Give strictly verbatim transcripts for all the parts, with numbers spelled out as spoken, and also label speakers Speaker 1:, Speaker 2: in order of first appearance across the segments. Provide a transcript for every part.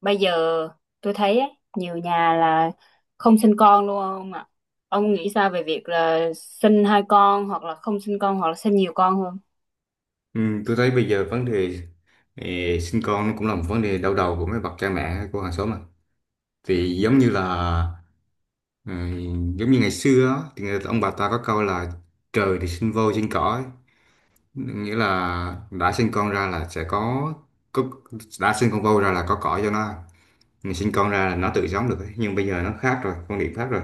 Speaker 1: Bây giờ tôi thấy á, nhiều nhà là không sinh con luôn ông ạ. Ông nghĩ sao về việc là sinh hai con hoặc là không sinh con hoặc là sinh nhiều con hơn?
Speaker 2: Ừ, tôi thấy bây giờ vấn đề eh, sinh con nó cũng là một vấn đề đau đầu của mấy bậc cha mẹ của hàng xóm mà. Thì giống như là ừ, giống như ngày xưa á, thì người, ông bà ta có câu là trời thì sinh voi sinh cỏ ấy. Nghĩa là đã sinh con ra là sẽ có, có đã sinh con voi ra là có cỏ cho nó ăn. Mình sinh con ra là nó tự sống được ấy. Nhưng bây giờ nó khác rồi, quan điểm khác rồi.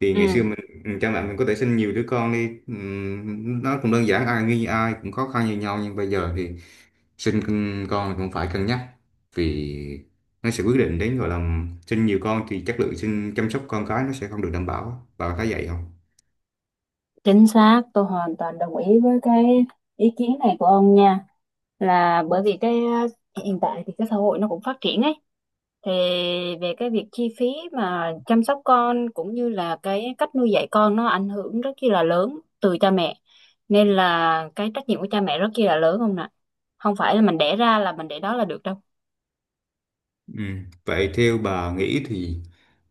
Speaker 2: Thì ngày xưa
Speaker 1: Ừ.
Speaker 2: mình ừ, cha mẹ mình có thể sinh nhiều đứa con đi, ừ, nó cũng đơn giản, ai như ai cũng khó khăn như nhau, nhưng bây giờ thì sinh con con cũng phải cân nhắc, vì nó sẽ quyết định đến, gọi là sinh nhiều con thì chất lượng sinh chăm sóc con cái nó sẽ không được đảm bảo, bà thấy vậy không?
Speaker 1: Chính xác, tôi hoàn toàn đồng ý với cái ý kiến này của ông nha. Là bởi vì cái ờ, hiện tại thì cái xã hội nó cũng phát triển ấy. Thì về cái việc chi phí mà chăm sóc con cũng như là cái cách nuôi dạy con nó ảnh hưởng rất là lớn từ cha mẹ. Nên là cái trách nhiệm của cha mẹ rất là lớn không nè. Không phải là mình đẻ ra là mình để đó là được đâu.
Speaker 2: Ừ. Vậy theo bà nghĩ thì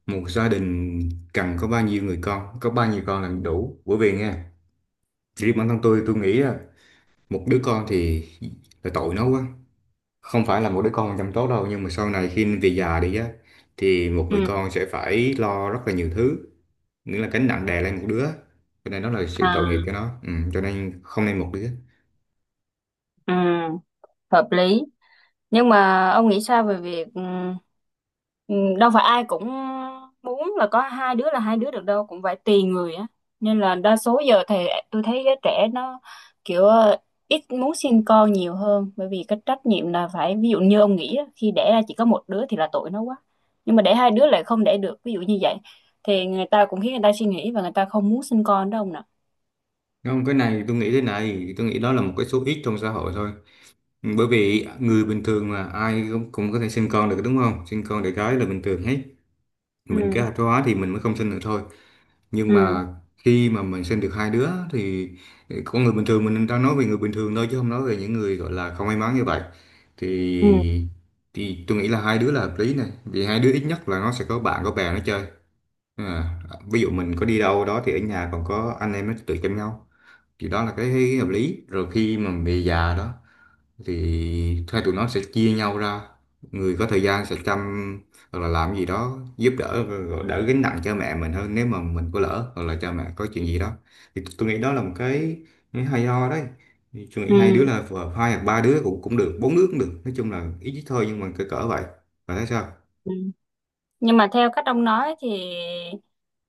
Speaker 2: một gia đình cần có bao nhiêu người con, có bao nhiêu con là đủ? Bởi vì nghe, riêng bản thân tôi tôi nghĩ là một đứa con thì là tội nó quá, không phải là một đứa con chăm tốt đâu, nhưng mà sau này khi về già đi á, thì một người
Speaker 1: Ừ.
Speaker 2: con sẽ phải lo rất là nhiều thứ, nghĩa là gánh nặng đè lên một đứa, cho nên đó là sự
Speaker 1: À,
Speaker 2: tội nghiệp cho nó, ừ, cho nên không nên một đứa.
Speaker 1: ừ, hợp lý. Nhưng mà ông nghĩ sao về việc ừm, ừm, đâu phải ai cũng muốn là có hai đứa là hai đứa được đâu, cũng phải tùy người á, nên là đa số giờ thì tôi thấy giới trẻ nó kiểu ờ, ít muốn sinh con nhiều hơn, bởi vì cái trách nhiệm là phải ví dụ như ông nghĩ á, khi đẻ ra chỉ có một đứa thì là tội nó quá, nhưng mà đẻ hai đứa lại không đẻ được ví dụ như vậy, thì người ta cũng khiến người ta suy nghĩ và người ta không muốn sinh con đâu ông nè.
Speaker 2: Không, cái này tôi nghĩ thế này, tôi nghĩ đó là một cái số ít trong xã hội thôi. Ừ, bởi vì người bình thường mà ai cũng, cũng có thể sinh con được, đúng không? Sinh con đẻ cái là bình thường hết, mình kế
Speaker 1: Ừ.
Speaker 2: hoạch hóa thì mình mới không sinh được thôi, nhưng
Speaker 1: Ừ.
Speaker 2: mà khi mà mình sinh được hai đứa thì, con người bình thường, mình đang nói về người bình thường thôi chứ không nói về những người gọi là không may mắn như vậy,
Speaker 1: Ừ.
Speaker 2: thì thì tôi nghĩ là hai đứa là hợp lý này, vì hai đứa ít nhất là nó sẽ có bạn có bè nó chơi. à, Ví dụ mình có đi đâu đó thì ở nhà còn có anh em nó tụi chăm nhau, thì đó là cái hợp lý rồi. Khi mà về già đó thì hai tụi nó sẽ chia nhau ra, người có thời gian sẽ chăm hoặc là làm gì đó giúp đỡ, rồi đỡ gánh nặng cho mẹ mình hơn nếu mà mình có lỡ hoặc là cha mẹ có chuyện gì đó, thì tôi nghĩ đó là một cái, cái hay ho đấy. Thì tôi nghĩ hai đứa
Speaker 1: Ừ.
Speaker 2: là vừa- hai hoặc ba đứa cũng cũng được, bốn đứa cũng được, nói chung là ít thôi nhưng mà cỡ cỡ vậy, và thấy sao?
Speaker 1: Ừ. Nhưng mà theo cách ông nói thì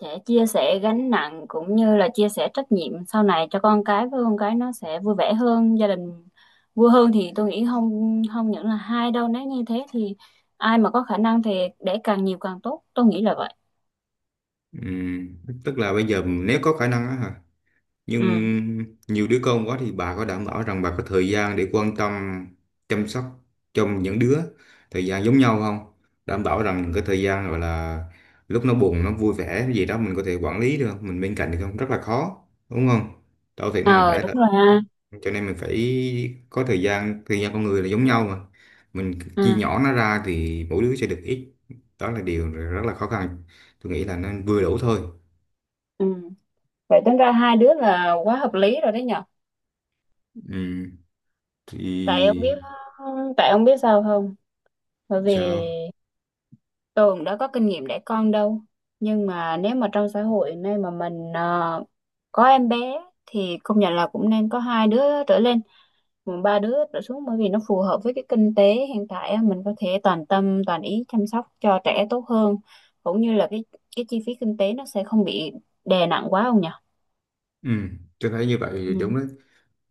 Speaker 1: sẽ chia sẻ gánh nặng cũng như là chia sẻ trách nhiệm sau này cho con cái, với con cái nó sẽ vui vẻ hơn, gia đình vui hơn, thì tôi nghĩ không không những là hai đâu, nếu như thế thì ai mà có khả năng thì để càng nhiều càng tốt, tôi nghĩ là vậy.
Speaker 2: Ừm, tức là bây giờ nếu có khả năng á hả,
Speaker 1: Ừ.
Speaker 2: nhưng nhiều đứa con quá thì bà có đảm bảo rằng bà có thời gian để quan tâm chăm sóc cho những đứa thời gian giống nhau không, đảm bảo rằng cái thời gian gọi là lúc nó buồn nó vui vẻ cái gì đó mình có thể quản lý được không, mình bên cạnh được không? Rất là khó, đúng không? Đâu thể nào
Speaker 1: Ờ
Speaker 2: để
Speaker 1: đúng
Speaker 2: được,
Speaker 1: rồi ha.
Speaker 2: cho nên mình phải có thời gian, thời gian con người là giống nhau mà, mình chia
Speaker 1: Ừ.
Speaker 2: nhỏ nó ra thì mỗi đứa sẽ được ít, đó là điều rất là khó khăn. Tôi nghĩ là nên vừa đủ thôi.
Speaker 1: Ừ. Vậy tính ra hai đứa là quá hợp lý rồi đấy nhở.
Speaker 2: Ừ. Thì
Speaker 1: Tại ông biết, tại ông biết sao không? Bởi vì
Speaker 2: sao?
Speaker 1: Tường đã có kinh nghiệm đẻ con đâu, nhưng mà nếu mà trong xã hội nay mà mình ờ, có em bé thì công nhận là cũng nên có hai đứa trở lên mà ba đứa trở xuống, bởi vì nó phù hợp với cái kinh tế hiện tại á, mình có thể toàn tâm toàn ý chăm sóc cho trẻ tốt hơn, cũng như là cái cái chi phí kinh tế nó sẽ không bị đè nặng quá không nhỉ.
Speaker 2: Ừ, tôi thấy như vậy thì
Speaker 1: Ừ.
Speaker 2: đúng đấy.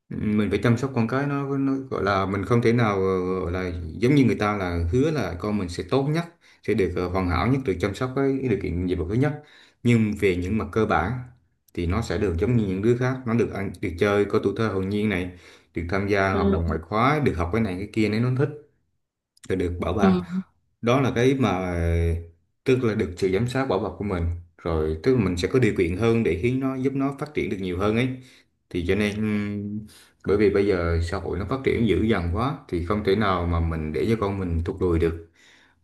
Speaker 2: Ừ, mình phải chăm sóc con cái nó, nó gọi là mình không thể nào ờ, gọi là giống như người ta là hứa là con mình sẽ tốt nhất, sẽ được ờ, hoàn hảo nhất, được chăm sóc với điều kiện gì thứ nhất. Nhưng về những mặt cơ bản thì nó sẽ được giống như những đứa khác, nó được ăn, được chơi, có tuổi thơ hồn nhiên này, được tham gia hoạt
Speaker 1: Ừ.
Speaker 2: động ngoại khóa, được học cái này cái kia nếu nó thích, là được bảo
Speaker 1: Ừ.
Speaker 2: ban. Đó là cái mà, tức là được sự giám sát bảo bọc của mình, rồi tức là mình sẽ có điều kiện hơn để khiến nó, giúp nó phát triển được nhiều hơn ấy, thì cho nên ừm, bởi vì bây giờ xã hội nó phát triển dữ dằn quá thì không thể nào mà mình để cho con mình tụt lùi được.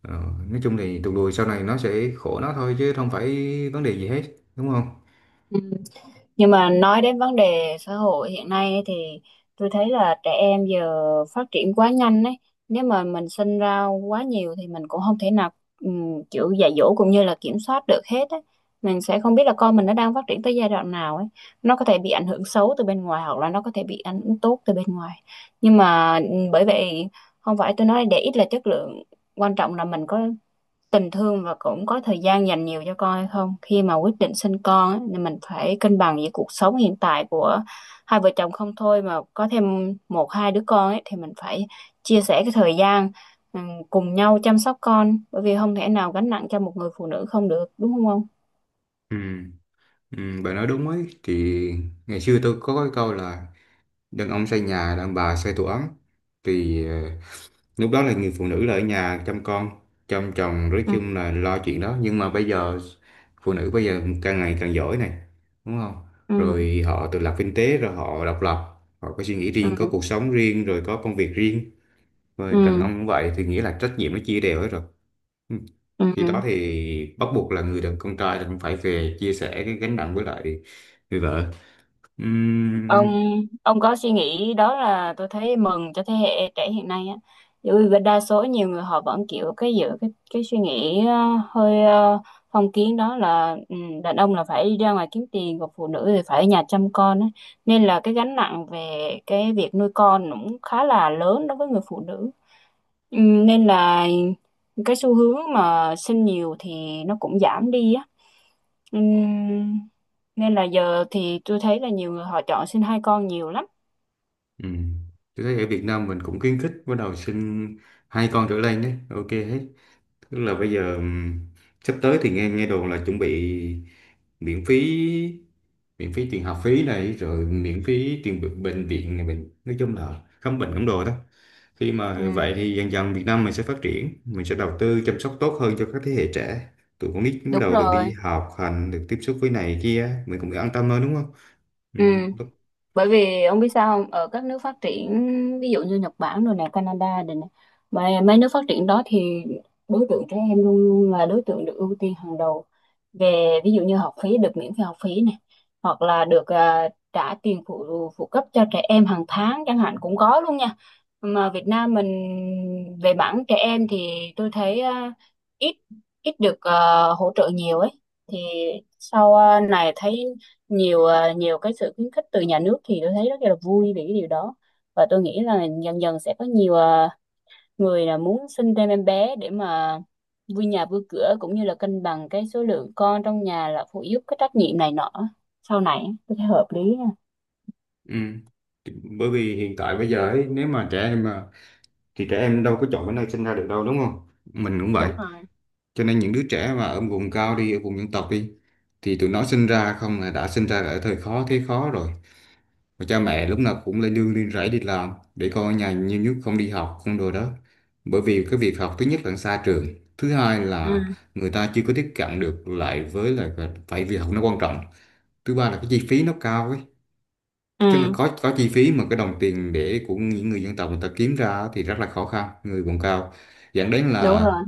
Speaker 2: Ờ, nói chung thì tụt lùi sau này nó sẽ khổ nó thôi chứ không phải vấn đề gì hết, đúng không?
Speaker 1: Ừ. Nhưng mà nói đến vấn đề xã hội hiện nay ấy thì tôi thấy là trẻ em giờ phát triển quá nhanh ấy. Nếu mà mình sinh ra quá nhiều thì mình cũng không thể nào um, kiểu dạy dỗ cũng như là kiểm soát được hết ấy. Mình sẽ không biết là con mình nó đang phát triển tới giai đoạn nào ấy. Nó có thể bị ảnh hưởng xấu từ bên ngoài hoặc là nó có thể bị ảnh hưởng tốt từ bên ngoài. Nhưng mà ừm, bởi vậy không phải tôi nói để ít là chất lượng, quan trọng là mình có tình thương và cũng có thời gian dành nhiều cho con hay không, khi mà quyết định sinh con á, thì mình phải cân bằng giữa cuộc sống hiện tại của hai vợ chồng không thôi mà có thêm một hai đứa con ấy, thì mình phải chia sẻ cái thời gian, ừ, cùng nhau chăm sóc con, bởi vì không thể nào gánh nặng cho một người phụ nữ không được đúng không không.
Speaker 2: ừ, ừ, bà nói đúng ấy. Thì ngày xưa tôi có cái câu là đàn ông xây nhà, đàn bà xây tổ ấm, thì ờ, lúc đó là người phụ nữ là ở nhà chăm con chăm chồng, nói
Speaker 1: Ừ.
Speaker 2: chung là lo chuyện đó, nhưng mà bây giờ phụ nữ bây giờ càng ngày càng giỏi này, đúng không?
Speaker 1: Ừ.
Speaker 2: Rồi họ tự lập kinh tế, rồi họ độc lập, họ có suy nghĩ
Speaker 1: Ừ.
Speaker 2: riêng, có cuộc sống riêng, rồi có công việc riêng, rồi đàn ông cũng vậy, thì nghĩa là trách nhiệm nó chia đều hết rồi. Ừ.
Speaker 1: Ừ.
Speaker 2: Khi
Speaker 1: Ừ.
Speaker 2: đó thì bắt buộc là người đàn con trai là cũng phải về chia sẻ cái gánh nặng với lại người vợ. Ừm.
Speaker 1: ông ông có suy nghĩ đó là tôi thấy mừng cho thế hệ trẻ hiện nay á, bởi vì đa số nhiều người họ vẫn kiểu cái giữ cái cái suy nghĩ ờ, hơi ờ, phong kiến, đó là ừ, đàn ông là phải đi ra ngoài kiếm tiền còn phụ nữ thì phải ở nhà chăm con á, nên là cái gánh nặng về cái việc nuôi con cũng khá là lớn đối với người phụ nữ. Ừ, nên là cái xu hướng mà sinh nhiều thì nó cũng giảm đi á. Ừ, nên là giờ thì tôi thấy là nhiều người họ chọn sinh hai con nhiều lắm.
Speaker 2: Ừ. Tôi thấy ở Việt Nam mình cũng khuyến khích bắt đầu sinh hai con trở lên đấy, ok hết. Tức là bây giờ ừm, sắp tới thì nghe nghe đồn là chuẩn bị miễn phí, miễn phí tiền học phí này, rồi miễn phí tiền bệnh bệnh viện này, mình nói chung là khám bệnh khám đồ đó. Khi
Speaker 1: Ừ,
Speaker 2: mà vậy thì dần dần Việt Nam mình sẽ phát triển, mình sẽ đầu tư chăm sóc tốt hơn cho các thế hệ trẻ. Tụi con nít bắt
Speaker 1: đúng
Speaker 2: đầu được đi
Speaker 1: rồi.
Speaker 2: học hành, được tiếp xúc với này kia, mình cũng an tâm hơn, đúng không? Ừ.
Speaker 1: Ừ, bởi vì ông biết sao không? Ở các nước phát triển, ví dụ như Nhật Bản rồi nè, Canada rồi nè, mà mấy nước phát triển đó thì đối tượng trẻ em luôn luôn là đối tượng được ưu tiên hàng đầu, về ví dụ như học phí được miễn phí học phí này, hoặc là được à, trả tiền phụ phụ cấp cho trẻ em hàng tháng chẳng hạn cũng có luôn nha. Mà Việt Nam mình về mảng trẻ em thì tôi thấy à, ít ít được à, hỗ trợ nhiều ấy, thì sau à, này thấy nhiều à, nhiều cái sự khuyến khích từ nhà nước thì tôi thấy rất là vui về cái điều đó, và tôi nghĩ là dần dần sẽ có nhiều ờ, người là muốn sinh thêm em bé để mà vui nhà vui cửa, cũng như là cân bằng cái số lượng con trong nhà là phụ giúp cái trách nhiệm này nọ, sau này tôi thấy hợp lý nha.
Speaker 2: Ừ. Bởi vì hiện tại bây giờ ấy, nếu mà trẻ em mà, thì trẻ em đâu có chọn cái nơi sinh ra được đâu, đúng không? Mình cũng vậy.
Speaker 1: Đúng rồi.
Speaker 2: Cho nên những đứa trẻ mà ở vùng cao đi, ở vùng dân tộc đi, thì tụi nó sinh ra không là đã sinh ra ở thời khó thế khó rồi. Và cha mẹ lúc nào cũng lên nương lên rẫy đi làm, để con ở nhà nhiều nhất, không đi học không đồ đó. Bởi vì cái việc học, thứ nhất là xa trường, thứ hai là
Speaker 1: Ừ.
Speaker 2: người ta chưa có tiếp cận được, lại với lại phải việc học nó quan trọng. Thứ ba là cái chi phí nó cao ấy, tức là
Speaker 1: Ừ.
Speaker 2: có có chi phí, mà cái đồng tiền để của những người dân tộc người ta kiếm ra thì rất là khó khăn, người vùng cao, dẫn đến
Speaker 1: Đúng
Speaker 2: là
Speaker 1: rồi.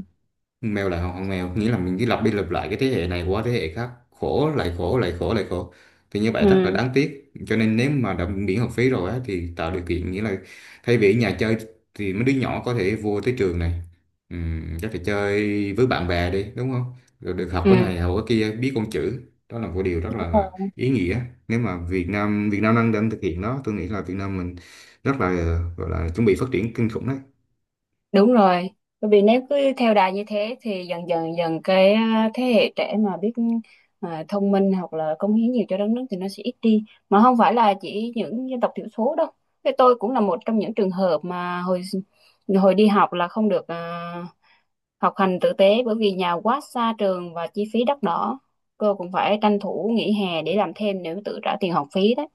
Speaker 2: mèo lại hoàng mèo, nghĩa là mình cứ lặp đi lặp lại cái thế hệ này qua thế hệ khác, khổ lại khổ lại khổ lại khổ, thì như vậy rất là
Speaker 1: Ừ.
Speaker 2: đáng tiếc. Cho nên nếu mà đã miễn học phí rồi á, thì tạo điều kiện, nghĩa là thay vì ở nhà chơi thì mấy đứa nhỏ có thể vô tới trường này, ừm, có thể chơi với bạn bè đi, đúng không? Rồi được học cái
Speaker 1: Ừ.
Speaker 2: này học cái kia, biết con chữ, đó là một điều rất
Speaker 1: Đúng
Speaker 2: là
Speaker 1: rồi.
Speaker 2: ý nghĩa. Nếu mà Việt Nam Việt Nam đang đang thực hiện nó, tôi nghĩ là Việt Nam mình rất là, gọi là chuẩn bị phát triển kinh khủng đấy.
Speaker 1: Đúng rồi. Bởi vì nếu cứ theo đà như thế thì dần dần dần cái à, thế hệ trẻ mà biết à, thông minh hoặc là cống hiến nhiều cho đất nước thì nó sẽ ít đi, mà không phải là chỉ những dân tộc thiểu số đâu. Thế tôi cũng là một trong những trường hợp mà hồi hồi đi học là không được à, học hành tử tế, bởi vì nhà quá xa trường và chi phí đắt đỏ. Cô cũng phải tranh thủ nghỉ hè để làm thêm nếu tự trả tiền học phí đấy.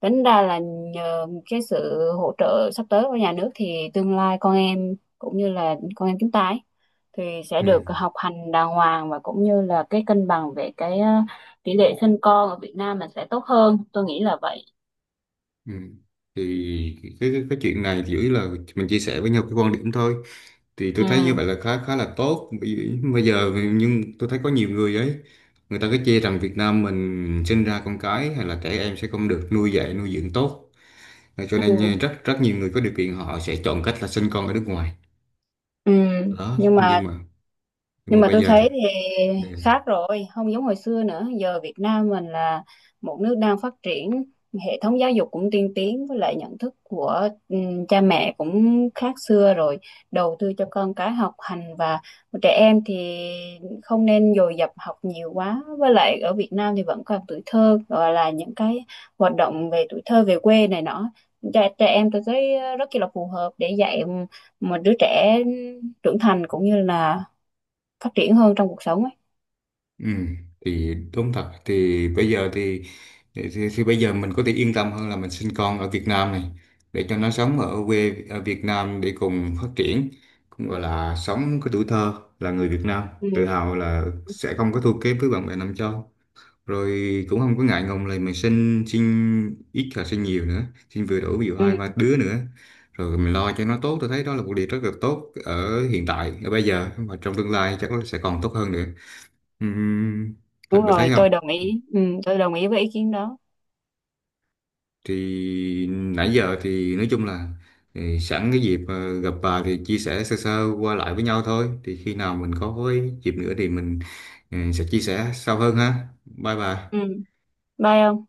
Speaker 1: Tính ra là nhờ cái sự hỗ trợ sắp tới của nhà nước thì tương lai con em cũng như là con em chúng ta ấy, thì sẽ
Speaker 2: Ừ.
Speaker 1: được học hành đàng hoàng và cũng như là cái cân bằng về cái ờ, tỷ lệ sinh con ở Việt Nam mình sẽ tốt hơn. Tôi nghĩ là vậy.
Speaker 2: Ừ. Thì cái, cái cái chuyện này thì chủ yếu là mình chia sẻ với nhau cái quan điểm thôi, thì tôi thấy như
Speaker 1: Ừ.
Speaker 2: vậy là khá khá là tốt. Bởi bây giờ nhưng tôi thấy có nhiều người ấy, người ta cứ chê rằng Việt Nam mình sinh ra con cái hay là trẻ em sẽ không được nuôi dạy nuôi dưỡng tốt. Và cho nên
Speaker 1: Ừ.
Speaker 2: nha, rất rất nhiều người có điều kiện họ sẽ chọn cách là sinh con ở nước ngoài
Speaker 1: Ừ.
Speaker 2: đó,
Speaker 1: Nhưng mà
Speaker 2: nhưng mà, nhưng
Speaker 1: nhưng
Speaker 2: mà
Speaker 1: mà
Speaker 2: bây
Speaker 1: tôi
Speaker 2: giờ thì-
Speaker 1: thấy thì khác rồi, không giống hồi xưa nữa, giờ Việt Nam mình là một nước đang phát triển, hệ thống giáo dục cũng tiên tiến, với lại nhận thức của ừm, cha mẹ cũng khác xưa rồi, đầu tư cho con cái học hành, và trẻ em thì không nên dồn dập học nhiều quá, với lại ở Việt Nam thì vẫn còn tuổi thơ, gọi là những cái hoạt động về tuổi thơ về quê này nọ, trẻ, trẻ em tôi thấy rất là phù hợp để dạy một đứa trẻ trưởng thành cũng như là phát triển hơn trong cuộc sống ấy.
Speaker 2: Ừ, thì đúng thật, thì bây giờ thì, thì, thì thì bây giờ mình có thể yên tâm hơn là mình sinh con ở Việt Nam này, để cho nó sống ở quê ở Việt Nam để cùng phát triển, cũng gọi là sống cái tuổi thơ, là người Việt Nam tự
Speaker 1: Ừ,
Speaker 2: hào là sẽ không có thua kém với bạn bè nam châu, rồi cũng không có ngại ngùng là mình sinh sinh ít là sinh nhiều nữa, sinh vừa đủ ví dụ
Speaker 1: ừ,
Speaker 2: hai ba đứa nữa, rồi mình lo cho nó tốt, tôi thấy đó là một điều rất là tốt ở hiện tại ở bây giờ, mà trong tương lai chắc nó sẽ còn tốt hơn nữa. Ừm, thật
Speaker 1: đúng
Speaker 2: bà
Speaker 1: rồi
Speaker 2: thấy không?
Speaker 1: tôi đồng ý. Ừ, tôi đồng ý với ý kiến đó.
Speaker 2: Thì nãy giờ thì nói chung là, thì sẵn cái dịp ờ, gặp bà thì chia sẻ sơ sơ qua lại với nhau thôi, thì khi nào mình có cái dịp nữa thì mình, ừ, sẽ chia sẻ sâu hơn ha, bye bà.
Speaker 1: Ừ. Bye ông.